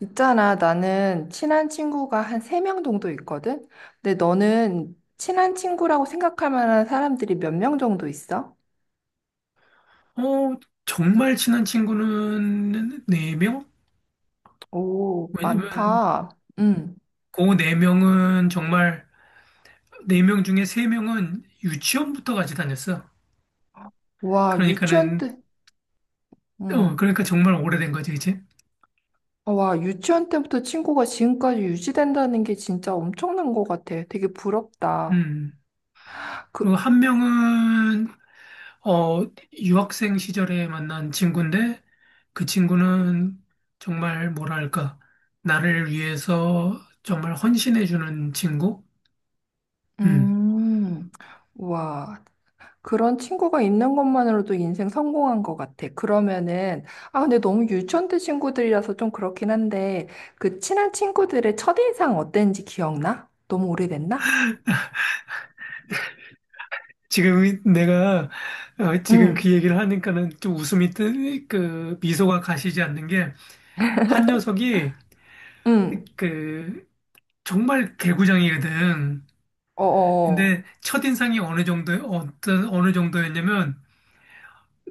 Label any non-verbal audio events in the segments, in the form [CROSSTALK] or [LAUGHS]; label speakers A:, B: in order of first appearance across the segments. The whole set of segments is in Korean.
A: 있잖아, 나는 친한 친구가 한 세 명 정도 있거든? 근데 너는 친한 친구라고 생각할 만한 사람들이 몇 명 정도 있어?
B: 어, 정말 친한 친구는 네명.
A: 오,
B: 왜냐면
A: 많다. 응.
B: 그 네명은 정말 네 명 중에 세명은 유치원부터 같이 다녔어.
A: 와, 유치원
B: 그러니까는
A: 때, 응.
B: 그러니까 정말 오래된 거지, 그치?
A: 와, 유치원 때부터 친구가 지금까지 유지된다는 게 진짜 엄청난 것 같아. 되게 부럽다.
B: 음. 그리고
A: 그,
B: 한 명은 어, 유학생 시절에 만난 친구인데, 그 친구는 정말 뭐랄까, 나를 위해서 정말 헌신해 주는 친구? 음.
A: 음, 와. 그런 친구가 있는 것만으로도 인생 성공한 것 같아. 그러면은, 아, 근데 너무 유치원 때 친구들이라서 좀 그렇긴 한데, 그 친한 친구들의 첫인상 어땠는지 기억나? 너무 오래됐나?
B: 지금 내가 지금 그
A: 응,
B: 얘기를 하니까는 좀 그 미소가 가시지 않는 게, 한 녀석이
A: 응,
B: 그 정말 개구장이거든.
A: 어어,
B: 근데 첫인상이 어느 정도, 어떤 어느 정도였냐면,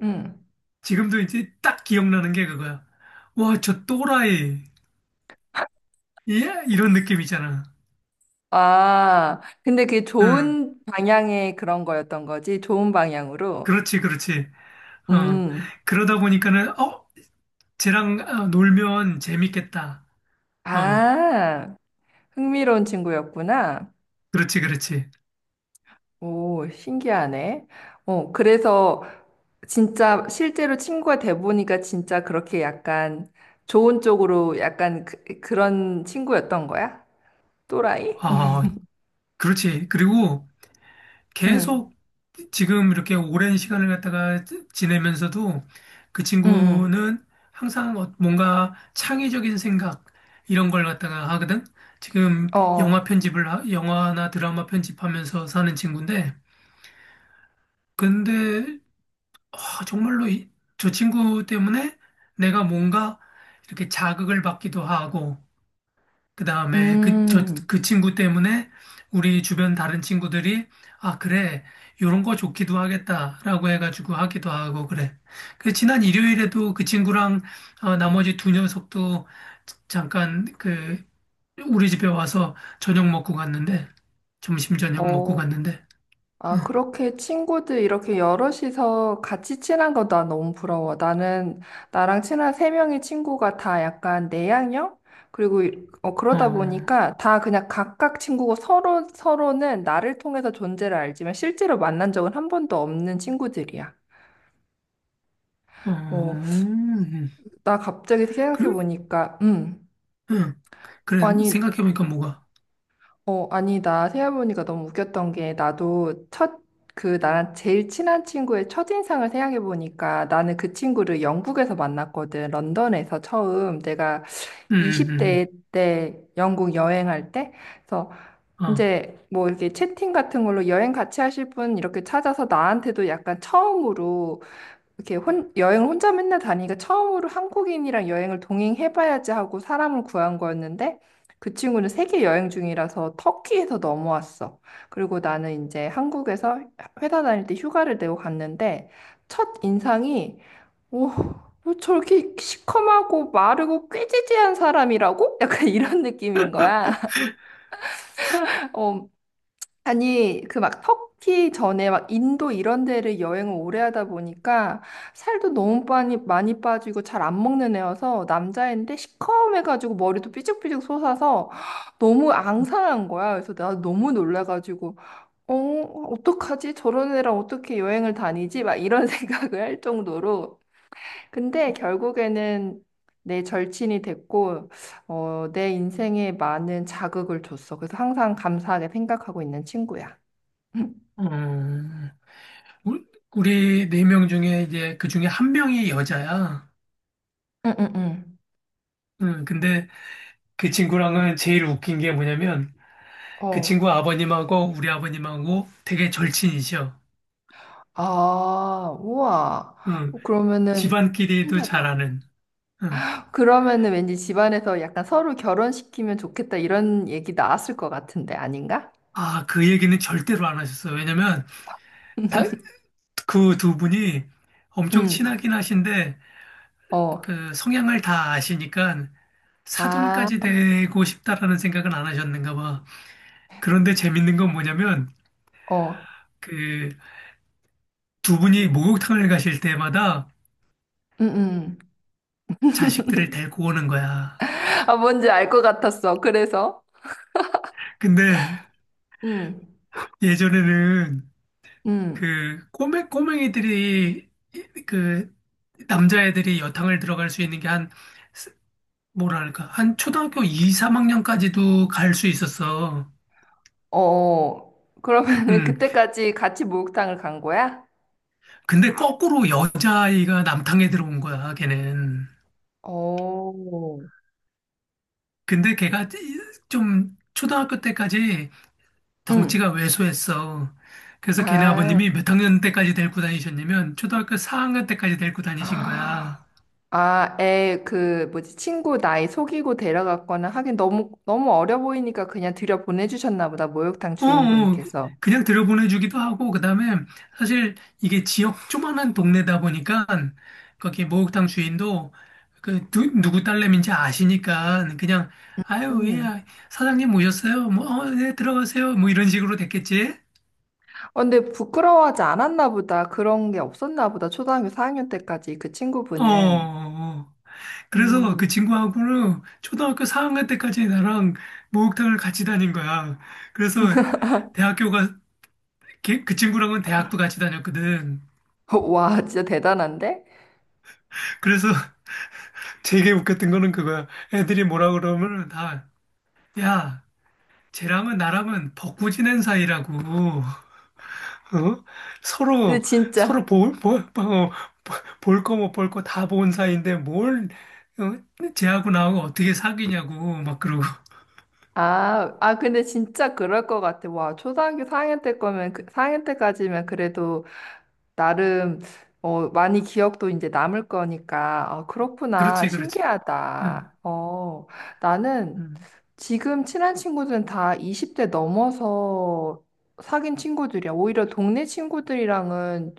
A: 응.
B: 지금도 이제 딱 기억나는 게 그거야. 와, 저 또라이. 예? 이런 느낌 있잖아.
A: 아, 근데 그게
B: 응.
A: 좋은 방향의 그런 거였던 거지? 좋은 방향으로?
B: 그렇지, 그렇지. 어.
A: 음,
B: 그러다 보니까는 쟤랑 놀면 재밌겠다. 어.
A: 아, 흥미로운 친구였구나.
B: 그렇지, 그렇지.
A: 오, 신기하네. 어, 그래서 진짜 실제로 친구가 돼 보니까 진짜 그렇게 약간 좋은 쪽으로 약간 그, 런 친구였던 거야? 또라이?
B: 아, 그렇지. 그리고
A: 응,
B: 계속 지금 이렇게 오랜 시간을 갖다가 지내면서도 그
A: 응, 응.
B: 친구는 항상 뭔가 창의적인 생각, 이런 걸 갖다가 하거든. 지금
A: 어,
B: 영화 편집을, 영화나 드라마 편집하면서 사는 친구인데. 근데 정말로 저 친구 때문에 내가 뭔가 이렇게 자극을 받기도 하고, 그 다음에
A: 음,
B: 그 친구 때문에 우리 주변 다른 친구들이, 그래, 요런 거 좋기도 하겠다라고 해가지고 하기도 하고 그래. 그 지난 일요일에도 그 친구랑 나머지 두 녀석도 잠깐 그 우리 집에 와서 저녁 먹고 갔는데, 점심 저녁 먹고
A: 어.
B: 갔는데.
A: 아, 그렇게 친구들 이렇게 여럿이서 같이 친한 거 나 너무 부러워. 나는 나랑 친한 세 명의 친구가 다 약간 내향형? 그리고 이- 그러다
B: 어,
A: 보니까 다 그냥 각각 친구고 서로 서로는 나를 통해서 존재를 알지만 실제로 만난 적은 한 번도 없는 친구들이야.
B: 어,
A: 어, 나 갑자기 생각해
B: 그래,
A: 보니까,
B: 응, 그래
A: 아니.
B: 생각해보니까 뭐가,
A: 아니, 나 생각해보니까 너무 웃겼던 게, 나도 첫, 그, 나랑 제일 친한 친구의 첫인상을 생각해보니까, 나는 그 친구를 영국에서 만났거든. 런던에서 처음. 내가
B: 음, 음,
A: 20대
B: 음.
A: 때 영국 여행할 때. 그래서
B: 음. 어,
A: 이제 뭐 이렇게 채팅 같은 걸로 여행 같이 하실 분 이렇게 찾아서 나한테도 약간 처음으로 이렇게 혼, 여행을 혼자 맨날 다니니까 처음으로 한국인이랑 여행을 동행해봐야지 하고 사람을 구한 거였는데 그 친구는 세계 여행 중이라서 터키에서 넘어왔어. 그리고 나는 이제 한국에서 회사 다닐 때 휴가를 내고 갔는데 첫 인상이 오, 뭐 저렇게 시커멓고 마르고 꾀지지한 사람이라고? 약간 [LAUGHS] 이런 느낌인 거야. [LAUGHS] 어, 아니, 그 막 터키 전에 막 인도 이런 데를 여행을 오래 하다 보니까 살도 너무 많이, 많이 빠지고 잘 안 먹는 애여서 남자애인데 시커매가지고 머리도 삐죽삐죽 솟아서 너무 앙상한 거야. 그래서 나 너무 놀라가지고, 어, 어떡하지? 저런 애랑 어떻게 여행을 다니지? 막 이런 [LAUGHS] 생각을 할 정도로. 근데 결국에는 내 절친이 됐고, 어, 내 인생에 많은 자극을 줬어. 그래서 항상 감사하게 생각하고 있는 친구야. 응,
B: 어. 우- 우리 네 명 중에 이제 그 중에 한 명이 여자야.
A: 응, 응. 응.
B: 응, 근데 그 친구랑은 제일 웃긴 게 뭐냐면, 그
A: 어.
B: 친구 아버님하고 우리 아버님하고 되게 절친이셔.
A: 아, 우와.
B: 응,
A: 어, 그러면은
B: 집안끼리도 잘
A: 신기하다.
B: 아는. 응.
A: 그러면은 왠지 집안에서 약간 서로 결혼시키면 좋겠다 이런 얘기 나왔을 것 같은데 아닌가?
B: 아, 그 얘기는 절대로 안 하셨어. 왜냐면
A: [LAUGHS]
B: 그 두 분이 엄청
A: 응.
B: 친하긴 하신데,
A: 어.
B: 그 성향을 다 아시니까
A: 아,
B: 사돈까지 되고 싶다라는 생각은 안 하셨는가 봐. 그런데 재밌는 건 뭐냐면,
A: 어.
B: 그... 두 분이 목욕탕을 가실 때마다
A: 응, 응.
B: 자식들을 데리고 오는 거야.
A: 아, 뭔지 알 것 같았어. 그래서
B: 근데
A: 응.
B: 예전에는
A: 응.
B: 그 꼬맹이들이, 그 남자애들이 여탕을 들어갈 수 있는 게, 한, 뭐랄까, 한 초등학교 2, 3학년까지도 갈 수 있었어.
A: 어. 어. 그러면은
B: 음.
A: 그때까지 같이 목욕탕을 간 거야?
B: 근데 거꾸로 여자아이가 남탕에 들어온 거야, 걔는.
A: 오.
B: 근데 걔가 좀 초등학교 때까지 덩치가
A: 응.
B: 왜소했어. 그래서 걔네
A: 아.
B: 아버님이 몇 학년 때까지 데리고 다니셨냐면, 초등학교 4학년 때까지 데리고 다니신 거야.
A: [GASPS] 아, 애, 그, 뭐지, 친구 나이 속이고 데려갔거나 하긴 너무, 너무 어려 보이니까 그냥 들여 보내주셨나 보다, 목욕탕
B: 어, 어.
A: 주인분께서.
B: 그냥 들여보내주기도 하고, 그다음에 사실 이게 지역 조만한 동네다 보니까, 거기 목욕탕 주인도 그 누구 딸내미인지 아시니까, 그냥, 아유, 예,
A: 음.
B: 아, 사장님 오셨어요, 뭐, 어, 네, 들어가세요, 뭐, 이런 식으로 됐겠지.
A: 어, 근데 부끄러워하지 않았나 보다, 그런 게 없었나 보다, 초등학교 4학년 때까지 그
B: 어. 어.
A: 친구분은.
B: 어. 그래서 그
A: 음,
B: 친구하고는 초등학교 4학년 때까지 나랑 목욕탕을 같이 다닌 거야. 그래서 대학교가, 그 친구랑은 대학도 같이 다녔거든.
A: [LAUGHS] 와, 진짜 대단한데?
B: 그래서 [LAUGHS] 되게 웃겼던 거는 그거야. 애들이 뭐라 그러면 다, 야, 쟤랑은, 나랑은 벗고 지낸 사이라고. 어?
A: 근데
B: 서로,
A: 진짜,
B: 서로 볼, 볼, 어, 어, 볼거 못 볼 거 다 본 사이인데 뭘 어, 쟤하고 나하고 어떻게 사귀냐고 막 그러고. [LAUGHS]
A: 아, 근데 진짜 그럴 것 같아. 와, 초등학교 4학년 때 거면, 그, 4학년 때까지면 그래도 나름 어, 많이 기억도 이제 남을 거니까 어, 그렇구나.
B: 그렇지, 그렇지. 응,
A: 신기하다. 어, 나는
B: 응.
A: 지금 친한 친구들은 다 20대 넘어서 사귄 친구들이야. 오히려 동네 친구들이랑은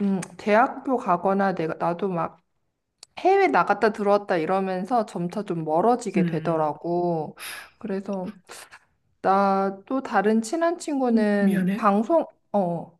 A: 대학교 가거나 내가 나도 막 해외 나갔다 들어왔다 이러면서 점차 좀 멀어지게
B: 음,
A: 되더라고. 그래서 나 또 다른 친한 친구는
B: 미안해.
A: 방송 어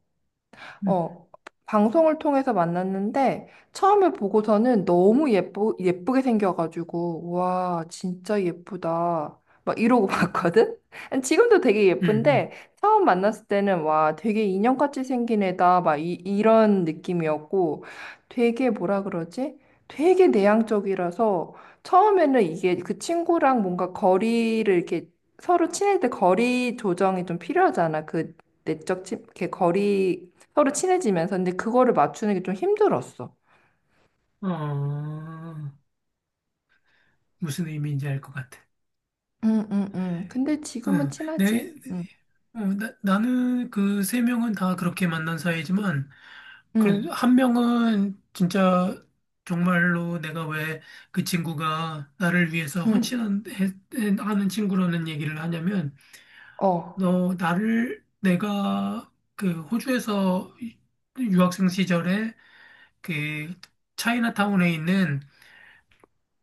B: 음,
A: 어, 방송을 통해서 만났는데 처음에 보고서는 너무 예쁘, 예쁘게 생겨가지고 와, 진짜 예쁘다. 막 이러고 [LAUGHS] 봤거든? 지금도 되게
B: 음,
A: 예쁜데 처음 만났을 때는 와, 되게 인형같이 생긴 애다. 막 이, 이런 느낌이었고 되게 뭐라 그러지? 되게 내향적이라서 처음에는 이게 그 친구랑 뭔가 거리를 이렇게 서로 친할 때 거리 조정이 좀 필요하잖아. 그 내적 친, 이렇게 거리 서로 친해지면서. 근데 그거를 맞추는 게 좀 힘들었어.
B: 음. 어, 무슨 의미인지 알 것 같아.
A: 응, 응, 응. 근데 지금은
B: 응,
A: 친하지. 응,
B: 나는 그 세 명은 다 그렇게 만난 사이지만, 그래도
A: 응,
B: 한 명은 진짜 정말로 내가 왜 그 친구가 나를 위해서
A: 응.
B: 헌신하는 친구라는 얘기를 하냐면,
A: 어,
B: 내가 그 호주에서 유학생 시절에, 그 차이나타운에 있는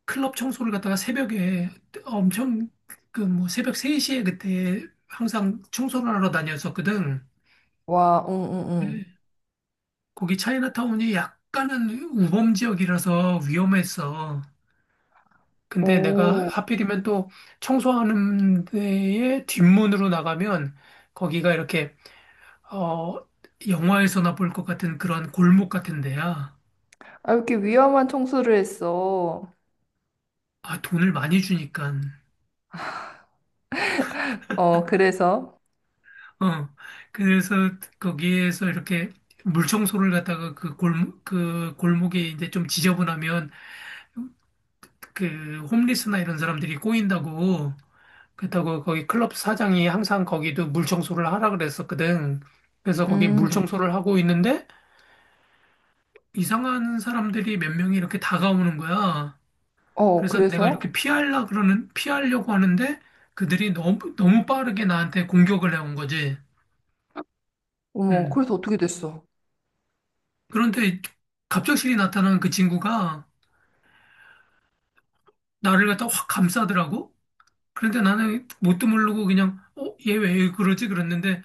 B: 클럽 청소를 갖다가, 새벽에 엄청, 그 뭐, 새벽 3시에 그때 항상 청소를 하러 다녔었거든.
A: 와, 응, 응,
B: 거기 차이나타운이 약간은 우범 지역이라서 위험했어.
A: 응.
B: 근데 내가
A: 오,
B: 하필이면 또 청소하는 데에 뒷문으로 나가면 거기가 이렇게 어 영화에서나 볼 것 같은 그런 골목 같은 데야.
A: 아, 이렇게 위험한 청소를 했어.
B: 아, 돈을 많이 주니까.
A: 어, 그래서?
B: 어, 그래서 거기에서 이렇게 물청소를 갖다가, 그 골목이 이제 좀 지저분하면 그 홈리스나 이런 사람들이 꼬인다고, 그렇다고 거기 클럽 사장이 항상 거기도 물청소를 하라 그랬었거든. 그래서 거기
A: 음,
B: 물청소를 하고 있는데 이상한 사람들이 몇 명이 이렇게 다가오는 거야.
A: 어,
B: 그래서 내가 이렇게
A: 그래서?
B: 피하려고 하는데 그들이 너무 너무 빠르게 나한테 공격을 해온 거지.
A: 어머,
B: 음.
A: 그래서 어떻게 됐어?
B: 그런데 갑작스레 나타난 그 친구가 나를 갖다 확 감싸더라고. 그런데 나는 뭣도 모르고 그냥 얘 왜 그러지 그랬는데,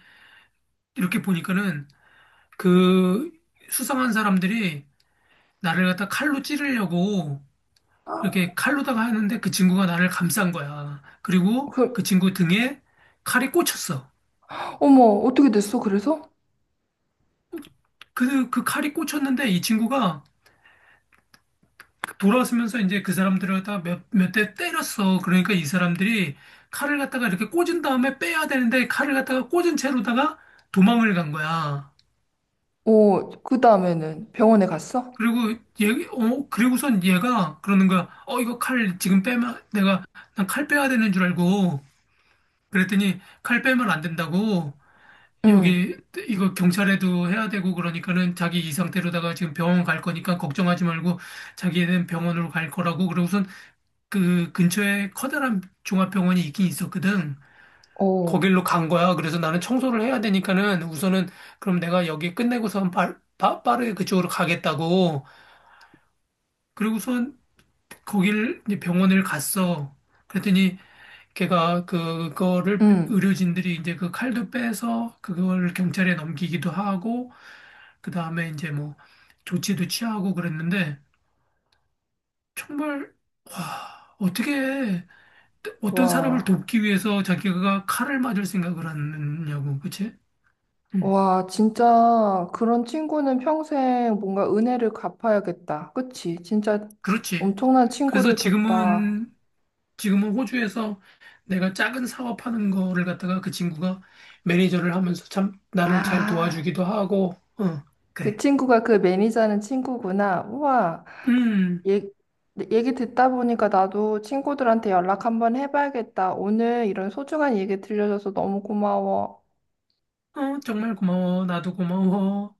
B: 이렇게 보니까는 그 수상한 사람들이 나를 갖다 칼로 찌르려고 이렇게 칼로다가 하는데, 그 친구가 나를 감싼 거야. 그리고 그
A: 그,
B: 친구 등에 칼이 꽂혔어.
A: 어머, 어떻게 됐어? 그래서?
B: 그 칼이 꽂혔는데 이 친구가 돌아서면서 이제 그 사람들을 갖다가 몇 대 때렸어. 그러니까 이 사람들이 칼을 갖다가 이렇게 꽂은 다음에 빼야 되는데, 칼을 갖다가 꽂은 채로다가 도망을 간 거야.
A: 어, 그 다음에는 병원에 갔어?
B: 그리고 그리고선 얘가 그러는 거야. 이거 칼 지금 빼면 내가, 난 칼 빼야 되는 줄 알고 그랬더니 칼 빼면 안 된다고,
A: 응,
B: 여기 이거 경찰에도 해야 되고 그러니까는, 자기 이 상태로다가 지금 병원 갈 거니까 걱정하지 말고 자기는 병원으로 갈 거라고 그러고선. 그 근처에 커다란 종합병원이 있긴 있었거든.
A: 어,
B: 거길로 간 거야. 그래서 나는 청소를 해야 되니까는 우선은, 그럼 내가 여기 끝내고선 빠르게 그쪽으로 가겠다고. 그리고선 거길 이제 병원을 갔어. 그랬더니 걔가 그거를
A: 응,
B: 의료진들이 이제 그 칼도 빼서 그걸 경찰에 넘기기도 하고, 그다음에 이제 뭐 조치도 취하고 그랬는데, 정말, 와, 어떻게 해. 어떤 사람을
A: 와.
B: 돕기 위해서 자기가 칼을 맞을 생각을 하느냐고, 그치? 음,
A: 와, 진짜 그런 친구는 평생 뭔가 은혜를 갚아야겠다. 그치? 진짜
B: 그렇지.
A: 엄청난
B: 그래서
A: 친구를 뒀다.
B: 지금은, 호주에서 내가 작은 사업하는 거를 갖다가 그 친구가 매니저를 하면서 참 나를 잘
A: 아,
B: 도와주기도 하고. 어,
A: 그
B: 그래.
A: 친구가 그 매니저는 친구구나. 우와,
B: 음,
A: 얘, 얘기 듣다 보니까 나도 친구들한테 연락 한번 해봐야겠다. 오늘 이런 소중한 얘기 들려줘서 너무 고마워.
B: 정말 고마워. 나도 고마워.